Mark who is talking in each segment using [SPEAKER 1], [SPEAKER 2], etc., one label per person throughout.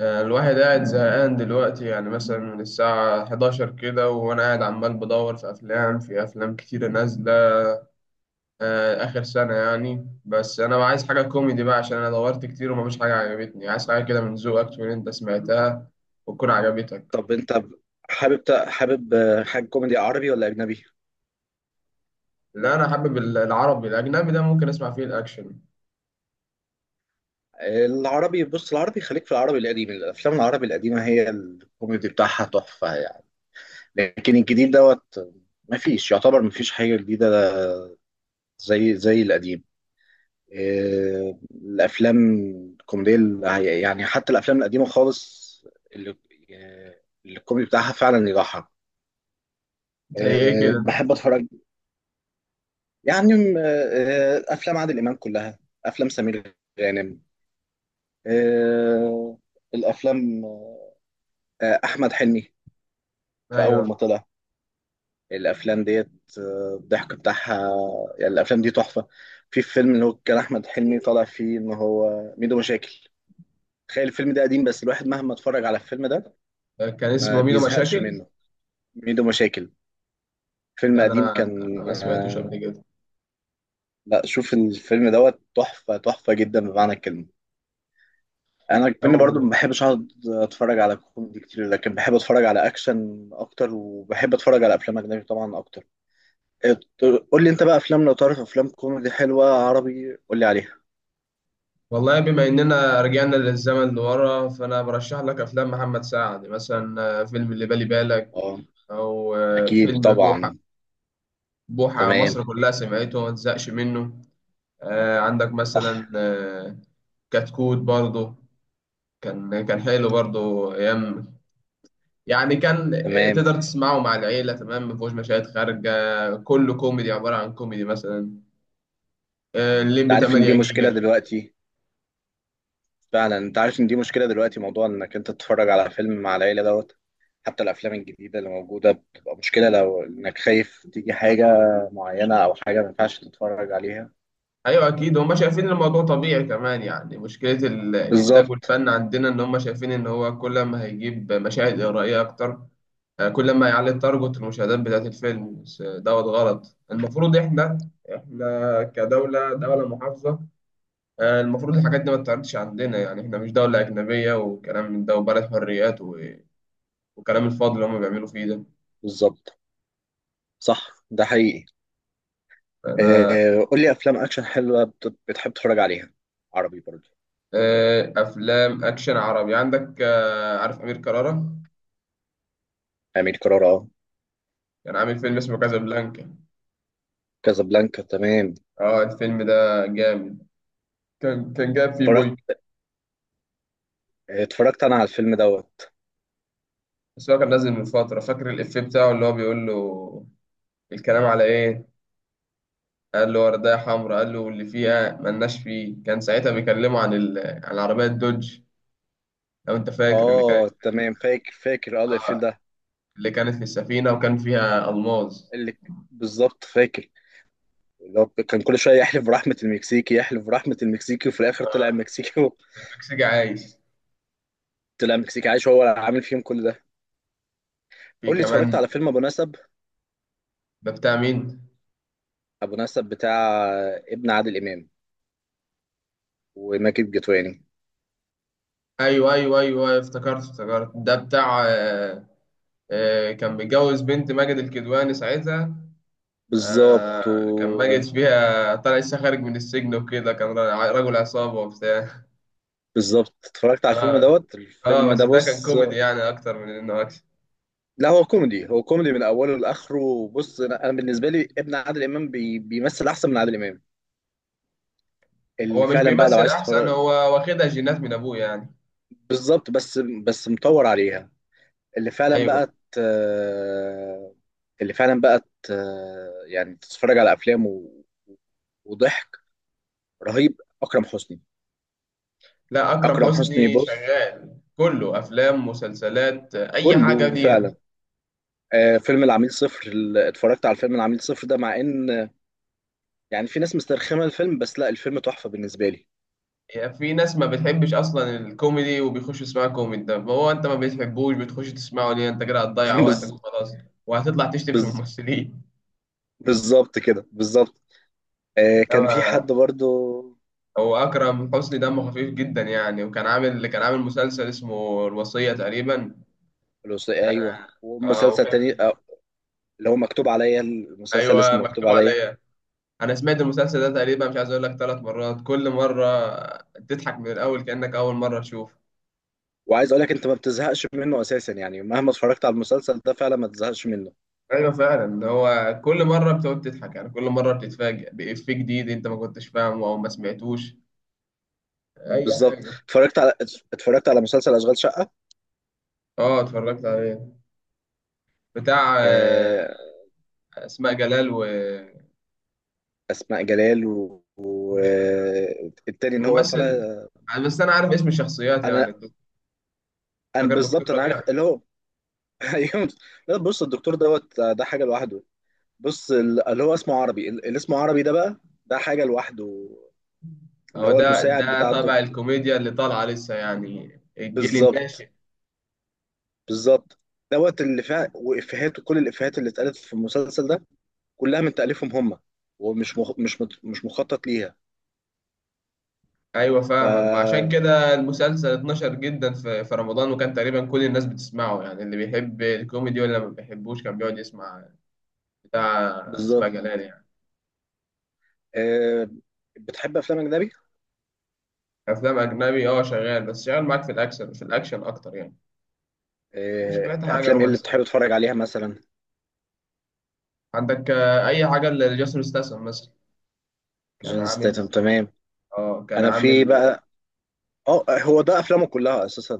[SPEAKER 1] الواحد قاعد زهقان دلوقتي يعني مثلا من الساعة 11 كده، وأنا قاعد عمال بدور في أفلام كتيرة نازلة آخر سنة يعني. بس أنا عايز حاجة كوميدي بقى، عشان أنا دورت كتير ومفيش حاجة عجبتني. عايز حاجة كده من ذوقك تكون أنت سمعتها وتكون عجبتك.
[SPEAKER 2] طب انت حابب حاجه كوميدي، عربي ولا اجنبي؟
[SPEAKER 1] لا أنا حابب العربي، الأجنبي ده ممكن أسمع فيه الأكشن.
[SPEAKER 2] العربي، بص، العربي خليك في العربي القديم. الافلام العربي القديمه هي الكوميدي بتاعها تحفه يعني. لكن الجديد دوت ما فيش، يعتبر ما فيش حاجه جديده زي القديم. الافلام الكوميديه، يعني حتى الافلام القديمه خالص، اللي اللي الكوميدي بتاعها فعلا يضحك.
[SPEAKER 1] زي إيه كده؟
[SPEAKER 2] بحب اتفرج يعني افلام عادل امام كلها، افلام سمير غانم، آه، الافلام، احمد حلمي في اول
[SPEAKER 1] أيوه،
[SPEAKER 2] ما طلع. الافلام ديت، الضحك بتاعها يعني الافلام دي تحفه. في فيلم اللي هو كان احمد حلمي طالع فيه ان هو ميدو مشاكل. تخيل الفيلم ده قديم بس الواحد مهما اتفرج على الفيلم ده
[SPEAKER 1] كان
[SPEAKER 2] ما
[SPEAKER 1] اسمه ميدو
[SPEAKER 2] بيزهقش
[SPEAKER 1] مشاكل.
[SPEAKER 2] منه. ميدو مشاكل فيلم
[SPEAKER 1] لا ده
[SPEAKER 2] قديم
[SPEAKER 1] أنا
[SPEAKER 2] كان
[SPEAKER 1] ما سمعتوش
[SPEAKER 2] آه،
[SPEAKER 1] قبل
[SPEAKER 2] لا، شوف الفيلم دوت، تحفه تحفه جدا بمعنى الكلمه. انا كمان برضو
[SPEAKER 1] كده.
[SPEAKER 2] ما بحبش اقعد اتفرج على كوميدي كتير، لكن بحب اتفرج على اكشن اكتر، وبحب اتفرج على افلام اجنبي طبعا اكتر. ات- قول لي انت بقى، افلام لو تعرف افلام كوميدي حلوه عربي قول لي عليها.
[SPEAKER 1] والله بما إننا رجعنا للزمن لورا، فأنا برشح لك أفلام محمد سعد مثلا، فيلم اللي بالي بالك
[SPEAKER 2] اه،
[SPEAKER 1] أو
[SPEAKER 2] اكيد
[SPEAKER 1] فيلم بوحة.
[SPEAKER 2] طبعا.
[SPEAKER 1] بوحة
[SPEAKER 2] تمام.
[SPEAKER 1] مصر كلها سمعته وما تزهقش منه. عندك
[SPEAKER 2] صح.
[SPEAKER 1] مثلا كتكوت برضه، كان حلو برضه أيام. يعني كان،
[SPEAKER 2] تمام.
[SPEAKER 1] تقدر تسمعه مع العيلة تمام، مفيهوش مشاهد خارجة. كله كوميدي، عبارة عن كوميدي. مثلا
[SPEAKER 2] انت
[SPEAKER 1] الليمبي
[SPEAKER 2] عارف ان
[SPEAKER 1] 8
[SPEAKER 2] دي مشكله
[SPEAKER 1] جيجا.
[SPEAKER 2] دلوقتي، فعلا. انت عارف ان دي مشكله دلوقتي، موضوع انك انت تتفرج على فيلم مع العيله دوت. حتى الافلام الجديده اللي موجوده بتبقى مشكله، لو انك خايف تيجي حاجه معينه او حاجه ما ينفعش تتفرج عليها.
[SPEAKER 1] ايوه اكيد هم شايفين الموضوع طبيعي كمان. يعني مشكله الانتاج
[SPEAKER 2] بالظبط.
[SPEAKER 1] والفن عندنا ان هم شايفين ان هو كل ما هيجيب مشاهد اغرائيه اكتر، كل ما هيعلي التارجت، المشاهدات بتاعت الفيلم. بس دوت غلط، المفروض احنا، احنا كدوله محافظه. المفروض الحاجات دي ما تتعرضش عندنا. يعني احنا مش دوله اجنبيه وكلام من ده وبلد حريات وكلام الفاضي اللي هم بيعملوا فيه ده.
[SPEAKER 2] بالظبط. صح، ده حقيقي.
[SPEAKER 1] انا،
[SPEAKER 2] آه، قول لي افلام اكشن حلوه بتحب تتفرج عليها، عربي برضه.
[SPEAKER 1] افلام اكشن عربي عندك، عارف امير كرارة؟
[SPEAKER 2] امير كرارة، اه.
[SPEAKER 1] كان عامل فيلم اسمه كازابلانكا.
[SPEAKER 2] كازابلانكا، تمام.
[SPEAKER 1] اه الفيلم ده جامد، كان جاب فيه
[SPEAKER 2] اتفرجت
[SPEAKER 1] بويك.
[SPEAKER 2] اتفرجت انا على الفيلم دوت.
[SPEAKER 1] بس هو كان نازل من فترة. فاكر الإفيه بتاعه اللي هو بيقول له، الكلام على إيه؟ قال له وردية حمراء، قال له اللي فيها ملناش فيه. كان ساعتها بيكلمه عن عن عربية دوج، لو أنت فاكر. اللي كانت،
[SPEAKER 2] اه تمام، فاكر فاكر اه الفيلم ده.
[SPEAKER 1] اللي كانت في السفينة وكان فيها ألماظ.
[SPEAKER 2] اللي بالظبط، فاكر. اللي هو كان كل شويه يحلف برحمه المكسيكي، يحلف برحمه المكسيكي، وفي الاخر طلع المكسيكي
[SPEAKER 1] مكسيكي عايش.
[SPEAKER 2] طلع المكسيكي عايش، هو اللي عامل فيهم كل ده.
[SPEAKER 1] في
[SPEAKER 2] قول لي، اتفرجت
[SPEAKER 1] كمان،
[SPEAKER 2] على فيلم ابو نسب؟
[SPEAKER 1] ده بتاع مين؟
[SPEAKER 2] ابو نسب بتاع ابن عادل امام وماجد الكدواني.
[SPEAKER 1] أيوه أيوه أيوه أيوه، افتكرت افتكرت. ده بتاع كان متجوز بنت ماجد الكدواني ساعتها. آه،
[SPEAKER 2] بالظبط.
[SPEAKER 1] كان ماجد فيها طلع لسه خارج من السجن وكده، كان رجل عصابة وبتاع.
[SPEAKER 2] بالظبط اتفرجت على الفيلم
[SPEAKER 1] اه.
[SPEAKER 2] دوت.
[SPEAKER 1] اه
[SPEAKER 2] الفيلم ده،
[SPEAKER 1] بس ده كان
[SPEAKER 2] بص،
[SPEAKER 1] كوميدي يعني اكتر من انه اكشن.
[SPEAKER 2] لا هو كوميدي، هو كوميدي من اوله لاخره. بص، أنا بالنسبه لي ابن عادل امام بيمثل احسن من عادل امام.
[SPEAKER 1] هو
[SPEAKER 2] اللي
[SPEAKER 1] مش
[SPEAKER 2] فعلا بقى لو
[SPEAKER 1] بيمثل
[SPEAKER 2] عايز
[SPEAKER 1] احسن،
[SPEAKER 2] تتفرج.
[SPEAKER 1] هو واخدها جينات من ابوه يعني.
[SPEAKER 2] بالظبط، بس بس مطور عليها. اللي فعلا بقى
[SPEAKER 1] ايوه.
[SPEAKER 2] ت... اللي فعلا بقى. يعني تتفرج على افلام وضحك رهيب. اكرم حسني.
[SPEAKER 1] لا اكرم
[SPEAKER 2] اكرم حسني،
[SPEAKER 1] حسني
[SPEAKER 2] بص،
[SPEAKER 1] شغال كله، افلام، مسلسلات، اي حاجه
[SPEAKER 2] كله
[SPEAKER 1] ليها.
[SPEAKER 2] فعلا. آه، فيلم العميل صفر، اتفرجت على فيلم العميل صفر ده، مع ان يعني في ناس مسترخمه الفيلم، بس لا، الفيلم تحفه بالنسبه لي.
[SPEAKER 1] يعني في ناس ما بتحبش اصلا الكوميدي وبيخش يسمعوا كوميدي. طب هو انت ما بتحبوش بتخش تسمعه ليه؟ انت كده هتضيع
[SPEAKER 2] بز...
[SPEAKER 1] وقتك وخلاص، وهتطلع تشتم في
[SPEAKER 2] بز...
[SPEAKER 1] الممثلين.
[SPEAKER 2] بالظبط كده، بالظبط. آه، كان في حد
[SPEAKER 1] انما
[SPEAKER 2] برضو.
[SPEAKER 1] هو أكرم حسني دمه خفيف جدا يعني. وكان عامل، كان عامل مسلسل اسمه الوصية تقريبا.
[SPEAKER 2] ايوه،
[SPEAKER 1] اه
[SPEAKER 2] ومسلسل تاني
[SPEAKER 1] وكان،
[SPEAKER 2] آه اللي هو مكتوب عليا، المسلسل
[SPEAKER 1] ايوه
[SPEAKER 2] اسمه مكتوب
[SPEAKER 1] مكتوب
[SPEAKER 2] عليا.
[SPEAKER 1] عليا. انا سمعت المسلسل ده تقريبا، مش عايز اقول لك، 3 مرات، كل مرة تضحك من الاول كأنك اول مرة تشوف.
[SPEAKER 2] وعايز اقول لك انت ما بتزهقش منه اساسا، يعني مهما اتفرجت على المسلسل ده فعلا ما تزهقش منه.
[SPEAKER 1] ايوه فعلا، هو كل مرة بتقعد تضحك يعني. كل مرة بتتفاجئ بإفيه جديد انت ما كنتش فاهمه او ما سمعتوش. اي
[SPEAKER 2] بالظبط.
[SPEAKER 1] حاجة.
[SPEAKER 2] اتفرجت على مسلسل اشغال شقه.
[SPEAKER 1] اه اتفرجت عليه، بتاع
[SPEAKER 2] آه.
[SPEAKER 1] اسماء جلال و،
[SPEAKER 2] اسماء جلال والتاني و... و-
[SPEAKER 1] مش فاكر
[SPEAKER 2] آه، التاني اللي هو طالع.
[SPEAKER 1] الممثل. بس انا عارف اسم الشخصيات
[SPEAKER 2] انا
[SPEAKER 1] يعني.
[SPEAKER 2] انا
[SPEAKER 1] فاكر دكتور
[SPEAKER 2] بالظبط، انا
[SPEAKER 1] ربيع.
[SPEAKER 2] عارف اللي هو. ايوه. لا، بص، الدكتور دوت ده حاجه لوحده. بص، اللي هو اسمه عربي، اللي اسمه عربي ده بقى ده حاجه لوحده. اللي
[SPEAKER 1] هو
[SPEAKER 2] هو
[SPEAKER 1] ده،
[SPEAKER 2] المساعد
[SPEAKER 1] ده
[SPEAKER 2] بتاع
[SPEAKER 1] طبع
[SPEAKER 2] الدكتور.
[SPEAKER 1] الكوميديا اللي طالعه لسه يعني، الجيل
[SPEAKER 2] بالظبط.
[SPEAKER 1] الناشئ.
[SPEAKER 2] بالظبط. دوت اللي فيها وافيهات، وكل الافيهات اللي اتقالت في المسلسل ده كلها من تاليفهم هم، ومش مخ... مش مت... مش مخطط ليها.
[SPEAKER 1] ايوه فاهمك. وعشان
[SPEAKER 2] ف
[SPEAKER 1] كده المسلسل اتنشر جدا في، في رمضان. وكان تقريبا كل الناس بتسمعه، يعني اللي بيحب الكوميدي ولا ما بيحبوش كان بيقعد يسمع بتاع اسماء
[SPEAKER 2] بالظبط.
[SPEAKER 1] جلال يعني.
[SPEAKER 2] آه... بتحب افلام اجنبي؟
[SPEAKER 1] افلام اجنبي، اه شغال. بس شغال معاك في الاكشن، في الاكشن اكتر يعني. وسمعت حاجه
[SPEAKER 2] افلام ايه اللي
[SPEAKER 1] رومانسيه.
[SPEAKER 2] بتحب تتفرج عليها مثلا؟
[SPEAKER 1] عندك اي حاجه لجاسر استسلم مثلا، كان
[SPEAKER 2] جون ستيتم،
[SPEAKER 1] عامل.
[SPEAKER 2] تمام.
[SPEAKER 1] اه كان
[SPEAKER 2] انا في
[SPEAKER 1] عامل.
[SPEAKER 2] بقى اه، هو ده افلامه كلها اساسا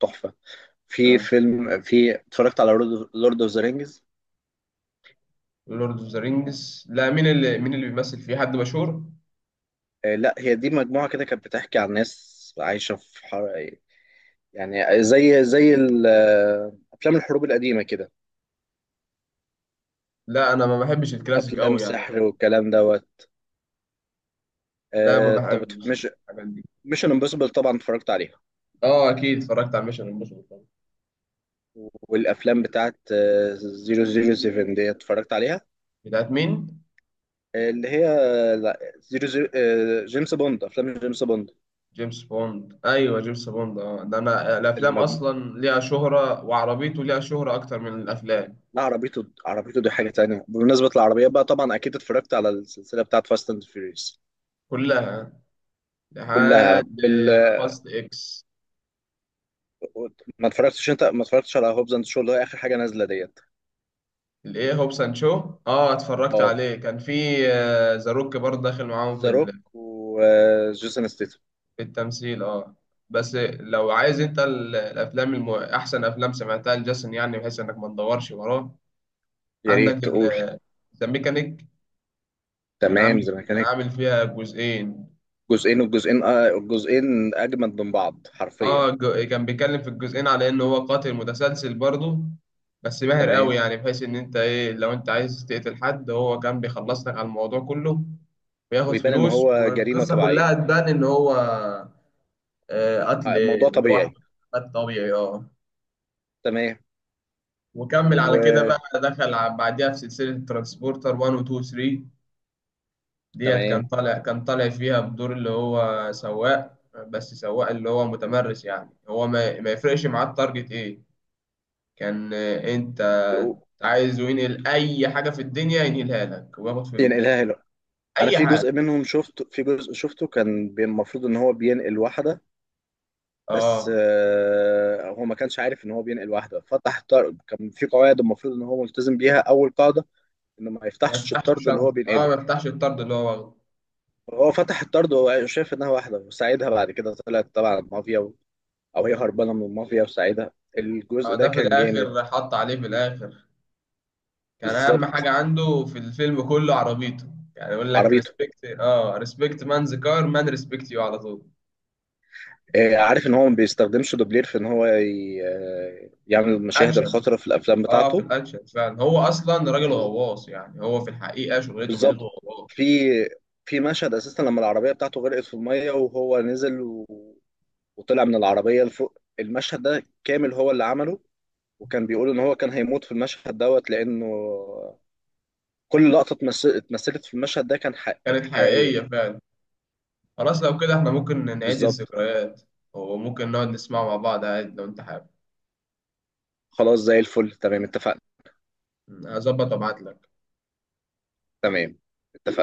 [SPEAKER 2] تحفه.
[SPEAKER 1] أه
[SPEAKER 2] في اتفرجت على لورد اوف ذا رينجز.
[SPEAKER 1] لورد اوف ذا رينجز؟ لا، مين اللي، مين اللي بيمثل فيه، حد مشهور؟
[SPEAKER 2] لا، هي دي مجموعة كده كانت بتحكي عن ناس عايشة يعني زي أفلام الحروب القديمة كده.
[SPEAKER 1] لا انا ما بحبش الكلاسيك
[SPEAKER 2] أفلام
[SPEAKER 1] قوي يعني
[SPEAKER 2] سحر
[SPEAKER 1] ما.
[SPEAKER 2] والكلام دوت.
[SPEAKER 1] لا ما
[SPEAKER 2] طب،
[SPEAKER 1] بحبش
[SPEAKER 2] مش
[SPEAKER 1] الحاجات دي.
[SPEAKER 2] ميشن امبوسيبل طبعا اتفرجت عليها.
[SPEAKER 1] اه اكيد اتفرجت على ميشن امبوسيبل طبعا.
[SPEAKER 2] والأفلام بتاعت 007 دي اتفرجت عليها.
[SPEAKER 1] بتاعت مين؟
[SPEAKER 2] اللي هي لا، زيرو زيرو جيمس بوند. أفلام جيمس
[SPEAKER 1] جيمس بوند؟ ايوه جيمس بوند، اه ده انا الافلام
[SPEAKER 2] بوند.
[SPEAKER 1] اصلا ليها شهرة، وعربيته ليها شهرة اكتر من الافلام.
[SPEAKER 2] لا، عربيته، عربيته دي حاجة تانية. بمناسبة العربية بقى، طبعا أكيد اتفرجت على السلسلة بتاعت فاست أند فيوريوس.
[SPEAKER 1] كلها
[SPEAKER 2] كلها.
[SPEAKER 1] لحد فاست اكس.
[SPEAKER 2] ما اتفرجتش؟ أنت ما اتفرجتش على هوبز أند شو اللي هي آخر حاجة نازلة ديت؟
[SPEAKER 1] الايه، هوبس اند شو؟ اه اتفرجت
[SPEAKER 2] اه،
[SPEAKER 1] عليه، كان في ذا روك برضه داخل معاهم في،
[SPEAKER 2] ذا روك وجيسون ستيتم.
[SPEAKER 1] في التمثيل اه. بس لو عايز انت الافلام احسن افلام سمعتها لجاسون يعني، بحيث انك ما تدورش وراه،
[SPEAKER 2] يا ريت
[SPEAKER 1] عندك
[SPEAKER 2] تقول.
[SPEAKER 1] ذا ميكانيك. كان
[SPEAKER 2] تمام،
[SPEAKER 1] عامل،
[SPEAKER 2] زي ما
[SPEAKER 1] كان
[SPEAKER 2] كانت
[SPEAKER 1] عامل فيها جزئين.
[SPEAKER 2] جزئين. والجزئين آه، الجزئين أجمد من بعض
[SPEAKER 1] اه
[SPEAKER 2] حرفيا.
[SPEAKER 1] كان بيتكلم في الجزئين على انه هو قاتل متسلسل برضه، بس ماهر
[SPEAKER 2] تمام.
[SPEAKER 1] قوي. يعني بحيث ان انت ايه، لو انت عايز تقتل حد هو كان بيخلص لك على الموضوع كله. بياخد
[SPEAKER 2] ويبان إن
[SPEAKER 1] فلوس،
[SPEAKER 2] هو جريمة
[SPEAKER 1] والقصة كلها
[SPEAKER 2] طبيعية،
[SPEAKER 1] تبان ان هو، قتل
[SPEAKER 2] موضوع طبيعي.
[SPEAKER 1] لوحده. قتل طبيعي اه.
[SPEAKER 2] تمام.
[SPEAKER 1] وكمل على كده بقى، دخل بعديها في سلسلة ترانسبورتر 1 و 2 و 3. ديت كان
[SPEAKER 2] وتمام
[SPEAKER 1] طالع، كان طالع فيها بدور اللي هو سواق. بس سواق اللي هو متمرس يعني، هو ما يفرقش معاه التارجت ايه. كان انت عايز ينقل اي حاجة في الدنيا ينقلها لك وياخد
[SPEAKER 2] يعني.
[SPEAKER 1] فلوس.
[SPEAKER 2] لا، انا
[SPEAKER 1] اي حاجة،
[SPEAKER 2] في جزء شفته كان المفروض ان هو بينقل واحده. بس
[SPEAKER 1] اه
[SPEAKER 2] هو ما كانش عارف ان هو بينقل واحده، فتح طرد. كان في قواعد المفروض ان هو ملتزم بيها، اول قاعده انه ما
[SPEAKER 1] ما
[SPEAKER 2] يفتحش
[SPEAKER 1] يفتحش
[SPEAKER 2] الطرد اللي هو
[SPEAKER 1] الشنطة، اه
[SPEAKER 2] بينقله.
[SPEAKER 1] ما يفتحش الطرد اللي هو واخده.
[SPEAKER 2] هو فتح الطرد وهو شايف انها واحده وساعدها، بعد كده طلعت تبع المافيا، او هي هربانه من المافيا وساعدها. الجزء ده
[SPEAKER 1] ده في
[SPEAKER 2] كان جامد.
[SPEAKER 1] الاخر حط عليه في الاخر. كان اهم
[SPEAKER 2] بالظبط.
[SPEAKER 1] حاجه عنده في الفيلم كله عربيته، يعني يقول لك
[SPEAKER 2] عربيته.
[SPEAKER 1] ريسبكت، اه ريسبكت مان، ذا كار مان، ريسبكت يو على طول.
[SPEAKER 2] عارف ان هو ما بيستخدمش دوبلير في ان هو يعمل المشاهد
[SPEAKER 1] اكشن،
[SPEAKER 2] الخطره في الافلام
[SPEAKER 1] اه في
[SPEAKER 2] بتاعته.
[SPEAKER 1] الاكشن فعلا. هو اصلا راجل غواص يعني، هو في الحقيقه شغلته، مهنته
[SPEAKER 2] بالظبط.
[SPEAKER 1] غواص.
[SPEAKER 2] في في مشهد اساسا لما العربيه بتاعته غرقت في الميه وهو نزل وطلع من العربيه لفوق. المشهد ده كامل هو اللي عمله. وكان بيقول ان هو كان هيموت في المشهد دوت، لانه كل لقطه اتمثلت في المشهد ده كانت
[SPEAKER 1] كانت
[SPEAKER 2] حقيقيه.
[SPEAKER 1] حقيقيه فعلا. خلاص لو كده احنا ممكن نعيد
[SPEAKER 2] بالظبط.
[SPEAKER 1] الذكريات، وممكن نقعد نسمعه مع بعض عادي لو انت حابب.
[SPEAKER 2] خلاص، زي الفل، تمام، اتفقنا.
[SPEAKER 1] هظبط وابعت لك.
[SPEAKER 2] تمام، اتفقنا.